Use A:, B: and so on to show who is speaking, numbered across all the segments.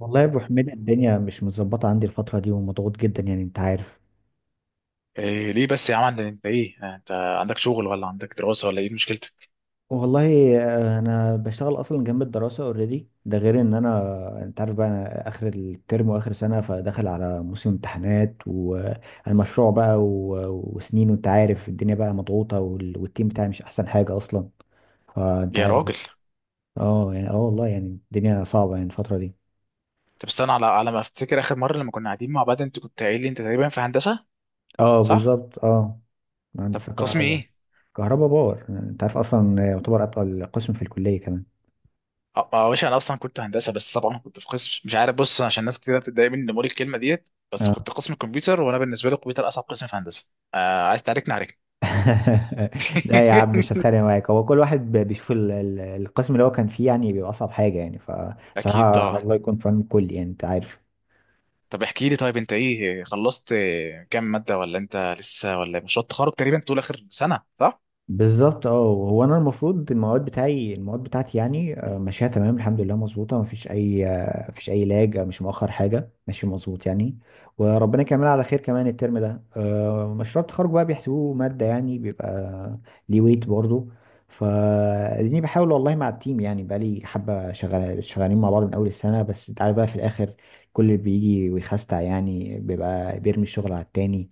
A: والله يا ابو حميد، الدنيا مش متظبطه عندي الفتره دي ومضغوط جدا، يعني انت عارف.
B: إيه ليه بس يا عم عندك انت ايه يعني انت عندك شغل ولا عندك دراسة ولا ايه مشكلتك
A: والله انا بشتغل اصلا جنب الدراسه اوريدي، ده غير ان انا انت عارف بقى انا اخر الترم واخر سنه، فداخل على موسم امتحانات والمشروع بقى وسنين، وانت عارف الدنيا بقى مضغوطه، والتيم بتاعي مش احسن حاجه اصلا. فانت
B: يا
A: عارف بقى.
B: راجل؟
A: اه يعني اه والله يعني الدنيا صعبه يعني الفتره دي.
B: طب استنى، على ما افتكر اخر مرة لما كنا قاعدين مع بعض انت كنت قايل لي انت تقريبا في هندسة،
A: اه
B: صح؟
A: بالظبط اه.
B: طب
A: هندسه
B: قسم
A: كهرباء.
B: ايه؟
A: كهرباء باور، انت عارف اصلا يعتبر اتقل قسم في الكليه كمان.
B: اه، يا باشا انا اصلا كنت هندسة بس طبعا كنت في قسم مش عارف. بص عشان ناس كتير بتتضايق مني لما اقول الكلمة ديت، بس
A: اه.
B: كنت قسم كمبيوتر، وانا بالنسبة لي الكمبيوتر اصعب قسم في هندسة. عايز تعاركني عليك؟
A: لا يا عم مش هتخانق معاك، هو كل واحد بيشوف القسم اللي هو كان فيه يعني بيبقى اصعب حاجه يعني،
B: اكيد
A: فبصراحه
B: طبعا.
A: الله يكون في عون الكل، يعني انت عارف.
B: طب احكي لي، طيب انت ايه خلصت، كام مادة، ولا انت لسه، ولا مشروع التخرج تقريبا طول اخر سنة، صح؟
A: بالظبط اه. هو انا المفروض المواد بتاعي، المواد بتاعتي يعني ماشيه تمام الحمد لله، مظبوطه، مفيش اي مفيش اي لاج، مش مؤخر حاجه، ماشي مظبوط يعني. وربنا يكملها على خير كمان الترم ده. مشروع التخرج بقى بيحسبوه ماده يعني بيبقى ليه ويت برضه. فاديني بحاول والله مع التيم يعني، بقالي حبه شغال، شغالين مع بعض من اول السنه، بس انت عارف بقى في الاخر كل اللي بيجي ويخستع يعني بيبقى بيرمي الشغل على التاني.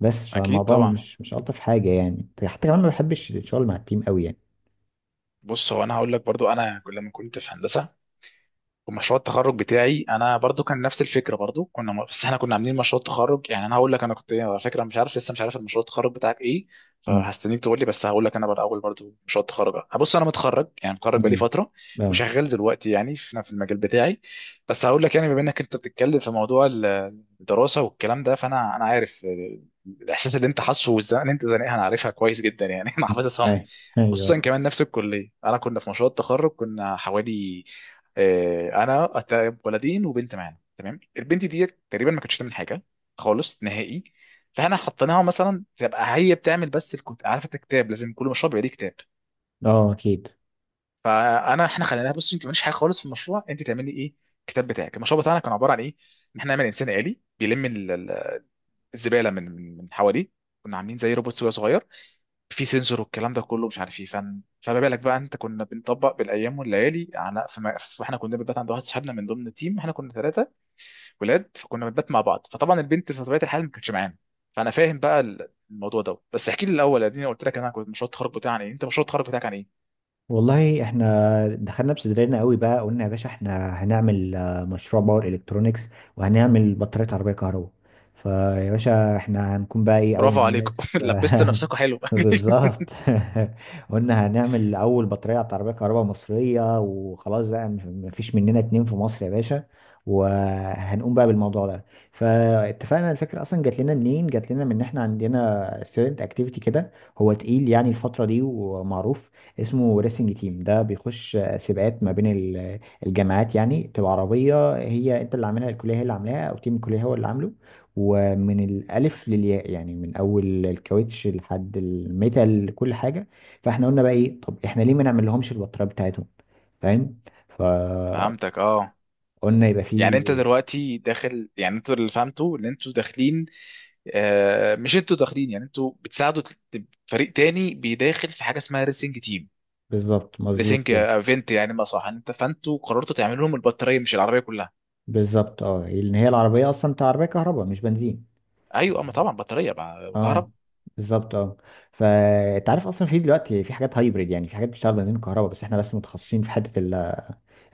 A: بس
B: اكيد
A: فالموضوع
B: طبعا.
A: مش الطف حاجه يعني، حتى كمان ما بحبش الشغل مع التيم قوي يعني.
B: بص، هو انا هقول لك برضو، انا لما كنت في هندسه ومشروع التخرج بتاعي انا برضو كان نفس الفكره. برضو كنا بس احنا كنا عاملين مشروع تخرج يعني. انا هقول لك انا كنت، على فكره مش عارف، لسه مش عارف المشروع التخرج بتاعك ايه،
A: امم
B: فهستنيك تقول لي. بس هقول لك انا بقى الاول برضو مشروع التخرج. هبص، انا متخرج يعني، متخرج بقالي
A: امم
B: فتره
A: اه.
B: وشغال دلوقتي يعني في المجال بتاعي. بس هقول لك يعني بما انك انت بتتكلم في موضوع الدراسه والكلام ده، فانا عارف الاحساس اللي انت حاسه والزنقه اللي انت زنقها، انا عارفها كويس جدا يعني. انا حافظها صم.
A: أي-
B: خصوصا
A: ايوه.
B: كمان نفس الكليه، انا كنا في مشروع التخرج كنا حوالي، انا ولدين وبنت معانا، تمام. البنت دي تقريبا ما كانتش تعمل حاجه خالص، نهائي. فاحنا حطيناها مثلا تبقى هي بتعمل بس عارفه الكتاب، لازم كل مشروع بيبقى ليه كتاب.
A: اه. اكيد.
B: احنا خليناها، بصي انت ماليش حاجه خالص في المشروع، انت تعملي ايه؟ الكتاب بتاعك. المشروع بتاعنا كان عباره عن ايه؟ ان احنا نعمل انسان آلي بيلم الزباله من حواليه. كنا عاملين زي روبوت كده صغير، في سنسور والكلام ده كله مش عارف ايه فن. فما بالك بقى؟ انت كنا بنطبق بالايام والليالي، فاحنا كنا بنبات عند واحد صاحبنا من ضمن التيم، احنا كنا ثلاثه ولاد، فكنا بنبات مع بعض. فطبعا البنت في طبيعه الحال ما كانتش معانا. فانا فاهم بقى الموضوع ده. بس احكي لي الاول، اديني، قلت لك انا كنت مشروع التخرج بتاعي عن ايه، انت مشروع التخرج بتاعك عن ايه؟
A: والله احنا دخلنا بصدرنا قوي بقى، قلنا يا باشا احنا هنعمل مشروع باور الكترونيكس، وهنعمل بطارية عربية كهرباء. فيا باشا احنا هنكون بقى ايه،
B: برافو
A: اول
B: عليكم.
A: ناس.
B: لبست نفسكم حلو.
A: بالظبط. قلنا هنعمل اول بطارية عربية كهرباء مصرية، وخلاص بقى، مفيش مننا اتنين في مصر يا باشا، وهنقوم بقى بالموضوع ده. فاتفقنا. الفكرة اصلا جات لنا منين؟ جات لنا من ان احنا عندنا ستودنت اكتيفيتي كده، هو تقيل يعني الفترة دي ومعروف، اسمه ريسنج تيم، ده بيخش سباقات ما بين الجامعات. يعني تبقى عربية، هي انت اللي عاملها، الكلية هي اللي عاملاها او تيم الكلية هو اللي عامله، ومن الألف للياء يعني، من أول الكاوتش لحد الميتال كل حاجة. فاحنا قلنا بقى ايه، طب احنا ليه ما نعملهمش البطارية بتاعتهم؟ فاهم؟ فقلنا
B: فهمتك اه.
A: يبقى
B: يعني انت
A: فيه.
B: دلوقتي داخل، يعني انت اللي فهمته ان انتوا داخلين، مش انتوا داخلين يعني، انتوا بتساعدوا فريق تاني بيداخل في حاجه اسمها ريسنج تيم،
A: بالظبط مظبوط
B: ريسنج
A: كده.
B: ايفنت يعني، ما صح؟ يعني انت، فانتوا قررتوا تعملوا لهم البطاريه مش العربيه كلها.
A: بالظبط اه، لأن هي العربية أصلا، انت عربية كهرباء مش بنزين.
B: ايوه، اما طبعا بطاريه بقى كهرب.
A: اه بالظبط اه. فانت عارف اصلا في دلوقتي في حاجات هايبريد، يعني في حاجات بتشتغل بنزين وكهرباء، بس احنا بس متخصصين في حته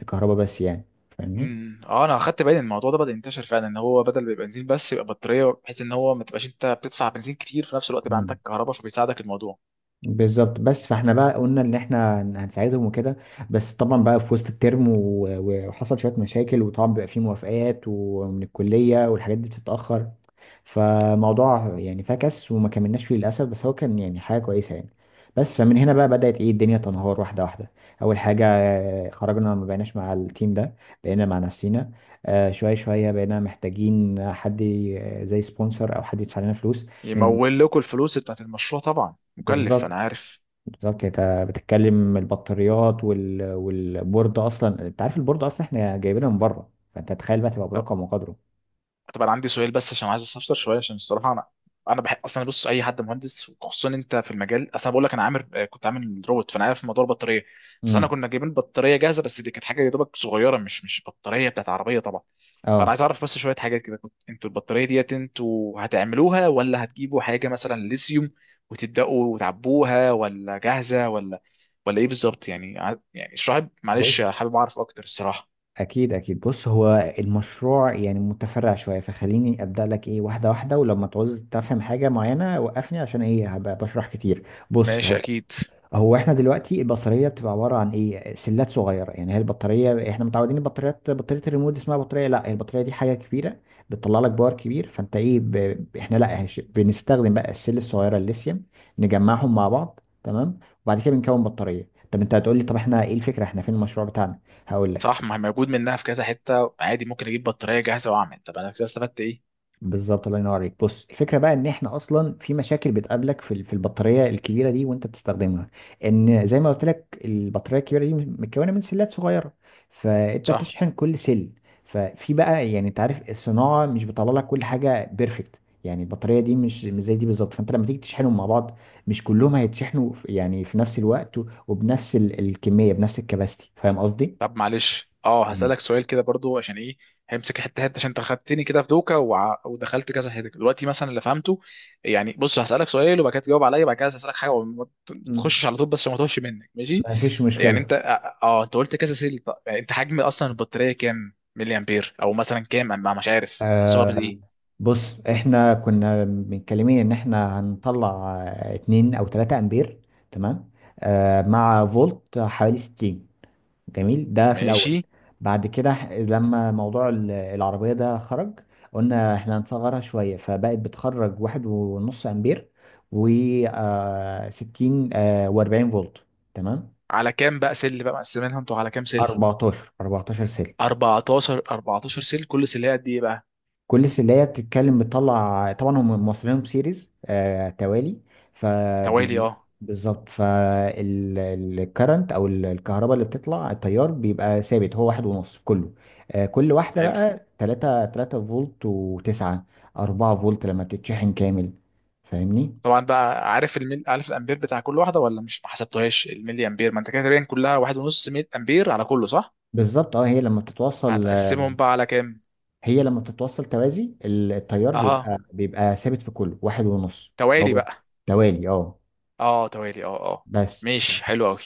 A: الكهرباء بس يعني. فاهمني؟
B: اه، انا اخدت بالي إن الموضوع ده بدا ينتشر فعلا، ان هو بدل ما يبقى بنزين بس يبقى بطاريه، بحيث ان هو ما تبقاش انت بتدفع بنزين كتير. في نفس الوقت يبقى
A: مم.
B: عندك كهرباء فبيساعدك الموضوع.
A: بالظبط بس. فاحنا بقى قلنا ان احنا هنساعدهم وكده. بس طبعا بقى في وسط الترم وحصل شويه مشاكل، وطبعا بيبقى فيه موافقات ومن الكليه والحاجات دي بتتاخر، فموضوع يعني فكس، وما كملناش فيه للاسف. بس هو كان يعني حاجه كويسه يعني. بس فمن هنا بقى بدات ايه، الدنيا تنهار واحده واحده. اول حاجه، خرجنا، ما بقيناش مع التيم ده، بقينا مع نفسنا. شويه شويه بقينا محتاجين حد زي سبونسر او حد يدفع لنا فلوس. لأن-
B: يمول لكم الفلوس بتاعت المشروع، طبعا مكلف، انا
A: بالظبط
B: عارف.
A: بالظبط. يعني انت بتتكلم البطاريات والبورد، اصلا انت عارف البورد اصلا احنا جايبينها من بره، فانت تخيل بقى تبقى
B: طب
A: برقم وقدره.
B: طب انا عندي سؤال، بس عشان عايز استفسر شويه، عشان الصراحه انا بحب اصلا. بص، اي حد مهندس خصوصا انت في المجال، اصلا بقول لك انا عامل آه، كنت عامل روبوت، فانا عارف موضوع البطاريه. بس انا
A: امم
B: كنا جايبين بطاريه جاهزه، بس دي كانت حاجه يا دوبك صغيره، مش بطاريه بتاعت عربيه طبعا. فانا
A: اه
B: عايز اعرف بس شويه حاجات كده، كنت انتوا البطاريه ديت انتوا هتعملوها، ولا هتجيبوا حاجه مثلا ليثيوم وتبداوا تعبوها، ولا جاهزه، ولا ايه بالظبط يعني؟ يعني معلش
A: بص.
B: حابب اعرف اكتر الصراحه.
A: اكيد اكيد بص، هو المشروع يعني متفرع شويه، فخليني ابدا لك ايه، واحده واحده، ولما تعوز تفهم حاجه معينه وقفني، عشان ايه هبقى بشرح كتير. بص
B: ماشي،
A: هو،
B: اكيد.
A: احنا دلوقتي البطاريه بتبقى عباره عن ايه، سلات صغيره. يعني هي البطاريه احنا متعودين البطاريات، بطاريه الريموت دي اسمها بطاريه، لا البطاريه دي حاجه كبيره، بتطلع لك باور كبير. فانت ايه احنا لا بنستخدم بقى السل الصغيره الليثيوم، نجمعهم مع بعض تمام، وبعد كده بنكون بطاريه. طب انت هتقول لي طب احنا ايه الفكره، احنا فين المشروع بتاعنا؟ هقول
B: صح،
A: لك.
B: ما هي موجود منها في كذا حته عادي، ممكن اجيب بطاريه جاهزه واعمل. طب انا كده استفدت ايه؟
A: بالظبط الله ينور عليك. بص الفكره بقى ان احنا اصلا في مشاكل بتقابلك في البطاريه الكبيره دي وانت بتستخدمها، ان زي ما قلت لك البطاريه الكبيره دي متكونه من سلات صغيره، فانت
B: صح.
A: بتشحن كل سل. ففي بقى، يعني انت عارف الصناعه مش بتطلع لك كل حاجه بيرفكت، يعني البطاريه دي مش زي دي بالظبط، فانت لما تيجي تشحنهم مع بعض مش كلهم هيتشحنوا في- يعني في نفس الوقت وبنفس الكميه، بنفس الكباستي. فاهم قصدي؟
B: طب معلش، اه
A: مم.
B: هسالك سؤال كده برضو عشان ايه، همسك حته حته عشان انت خدتني كده في دوكا، ودخلت كذا حته دلوقتي. مثلا اللي فهمته يعني، بص هسالك سؤال وبعد كده تجاوب عليا، وبعد كده هسالك حاجه وما
A: مم.
B: تخشش على طول، بس عشان ما توهش منك، ماشي؟
A: ما فيش
B: يعني انت
A: مشكله.
B: اه آه، انت قلت كذا سيل. طب يعني انت حجم اصلا البطاريه كام ملي امبير، او مثلا كام؟ انا مش عارف احسبها
A: آه
B: بايه.
A: بص احنا كنا متكلمين ان احنا هنطلع اتنين او تلاتة امبير تمام، آه مع فولت حوالي ستين. جميل، ده في الاول.
B: ماشي.
A: بعد كده لما موضوع العربية ده خرج، قلنا احنا هنصغرها شوية، فبقت بتخرج واحد ونص امبير، و ستين آه واربعين فولت تمام.
B: على كام بقى سل بقى مقسمينها انتوا، على كام سل؟
A: 14 14 سلك.
B: 14 14 سيل، كل سيلها قد ايه بقى؟
A: كل سلية بتتكلم بتطلع، طبعا هم موصلينهم سيريز آه توالي.
B: توالي
A: فبي
B: اه.
A: بالظبط. فالكرنت او الكهرباء اللي بتطلع، التيار بيبقى ثابت هو واحد ونص في كله. آه كل واحدة
B: حلو.
A: بقى 3 3 فولت، و9 4 فولت لما بتتشحن كامل. فاهمني؟
B: طبعا بقى عارف الميل، عارف الامبير بتاع كل واحده، ولا مش، ما حسبتهاش الملي امبير؟ ما انت كده تقريبا كلها واحد ونص ميل امبير على كله، صح؟
A: بالظبط اه.
B: هتقسمهم بقى على كام؟
A: هي لما بتتوصل توازي التيار
B: اها،
A: بيبقى ثابت في كله واحد ونص.
B: توالي
A: هو
B: بقى.
A: توالي اه.
B: اه توالي، اه اه.
A: بس.
B: ماشي، حلو قوي.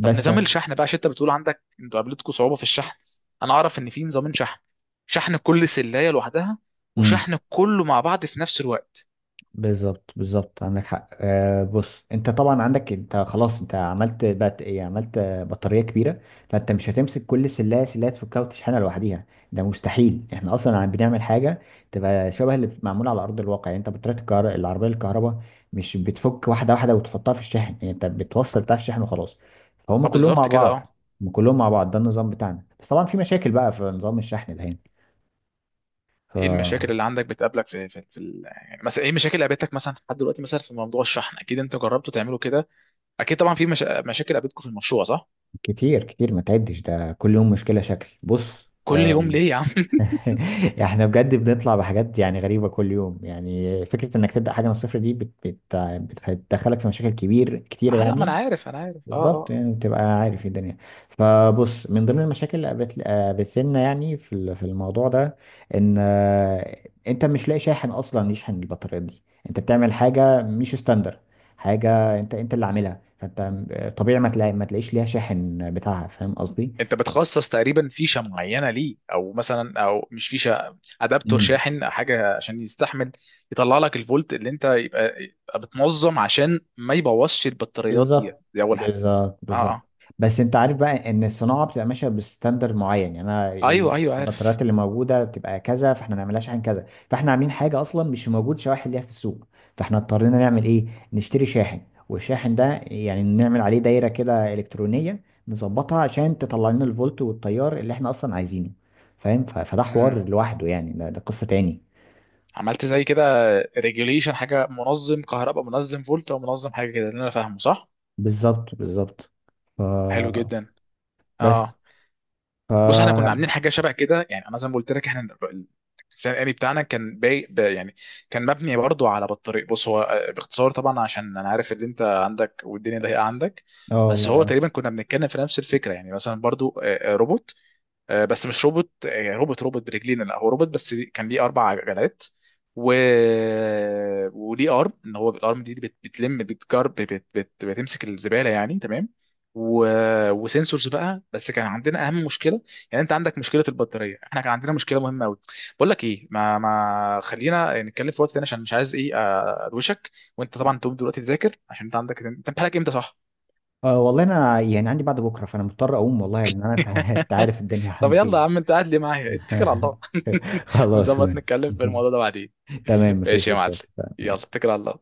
B: طب نظام
A: ف...
B: الشحن بقى، عشان انت بتقول عندك انتوا قابلتكم صعوبه في الشحن. انا اعرف ان في نظام شحن، شحن كل سلايه لوحدها،
A: مم.
B: وشحن كله مع بعض في نفس الوقت.
A: بالظبط بالظبط عندك حق. آه بص انت طبعا عندك، انت خلاص انت عملت بات ايه، عملت بطاريه كبيره، فانت مش هتمسك كل سلايه سلايه تفكها وتشحنها لوحديها، ده مستحيل، احنا اصلا عم بنعمل حاجه تبقى شبه اللي معموله على ارض الواقع. يعني انت بطاريه العربيه الكهرباء مش بتفك واحده واحده وتحطها في الشاحن، يعني انت بتوصل بتاع الشحن وخلاص، فهم
B: اه
A: كلهم مع
B: بالظبط كده اه.
A: بعض. هم كلهم مع بعض، ده النظام بتاعنا. بس طبعا في مشاكل بقى في نظام الشحن ده
B: ايه
A: هنا.
B: المشاكل اللي عندك بتقابلك في يعني، مثلا ايه المشاكل اللي قابلتك مثلا لحد دلوقتي مثلا في موضوع الشحن؟ اكيد انتوا جربتوا تعملوا كده، اكيد طبعا في مشاكل قابلتكم في المشروع، صح.
A: كتير كتير ما تعدش، ده كل يوم مشكلة شكل. بص
B: كل يوم
A: آم،
B: ليه يا عم؟
A: احنا بجد بنطلع بحاجات يعني غريبة كل يوم، يعني فكرة انك تبدأ حاجة من الصفر دي بت بت بتدخلك في مشاكل كبير كتيرة
B: اه لا، ما انا
A: يعني.
B: عارف، انا عارف، اه
A: بالظبط
B: اه.
A: يعني تبقى عارف إيه الدنيا. فبص من ضمن المشاكل اللي قابلت لنا يعني في الموضوع ده، ان انت مش لاقي شاحن اصلا يشحن البطاريات دي. انت بتعمل حاجه مش ستاندر، حاجه انت اللي عاملها، فانت طبيعي ما تلاقيش ليها شاحن بتاعها. فاهم قصدي؟
B: انت بتخصص تقريبا فيشه معينه ليه، او مثلا، او مش فيشه ادابتور،
A: مم.
B: شاحن حاجه عشان يستحمل يطلع لك الفولت اللي انت يبقى بتنظم، عشان ما يبوظش البطاريات دي.
A: بالظبط
B: دي اول حاجه.
A: بالظبط
B: اه
A: بالظبط.
B: اه.
A: بس انت عارف بقى ان الصناعه بتبقى ماشيه بستاندر معين، يعني انا
B: ايوه ايوه، عارف.
A: البطاريات اللي موجوده بتبقى كذا، فاحنا ما نعملهاش عن كذا، فاحنا عاملين حاجه اصلا مش موجود شواحن ليها في السوق. فاحنا اضطرينا نعمل ايه، نشتري شاحن، والشاحن ده يعني نعمل عليه دايره كده الكترونيه، نظبطها عشان تطلع لنا الفولت والتيار اللي احنا اصلا عايزينه. فاهم؟ فده حوار لوحده يعني، ده قصه تاني.
B: عملت زي كده، ريجوليشن، حاجه منظم كهرباء، منظم فولت، او منظم حاجه كده، اللي انا فاهمه، صح؟
A: بالظبط بالظبط. ف
B: حلو جدا.
A: بس.
B: اه،
A: ف
B: بص، احنا كنا عاملين حاجه شبه كده يعني، انا زي ما قلت لك، احنا الانسان الالي بتاعنا كان يعني كان مبني برضو على بطاريق. بص، هو باختصار طبعا عشان انا عارف ان انت عندك والدنيا ضيقه عندك.
A: اه.
B: بس هو
A: والله،
B: تقريبا كنا بنتكلم في نفس الفكره يعني، مثلا برضو، روبوت، بس مش روبوت، روبوت برجلين، لا هو روبوت بس كان ليه اربع جناحات. و... وليه ارم، ان هو الارم دي بتلم، بتجرب، بتمسك الزباله يعني، تمام. و... وسنسورز بقى. بس كان عندنا اهم مشكله، يعني انت عندك مشكله البطاريه، احنا كان عندنا مشكله مهمه قوي. بقول لك ايه، ما خلينا نتكلم في وقت تاني، عشان مش عايز ايه ادوشك، وانت طبعا تقوم دلوقتي تذاكر، عشان انت عندك، انت امتحانك امتى؟ صح.
A: أه والله انا يعني عندي بعد بكره فانا مضطر اقوم والله، لان انا انت عارف الدنيا
B: طب يلا يا
A: عندي.
B: عم، انت قاعد لي معايا، اتكل على الله.
A: خلاص.
B: ونظبط نتكلم في الموضوع ده بعدين.
A: تمام
B: ماشي
A: مفيش
B: يا معلم.
A: مشكله،
B: يلا
A: اتفقنا.
B: اتكل على الله.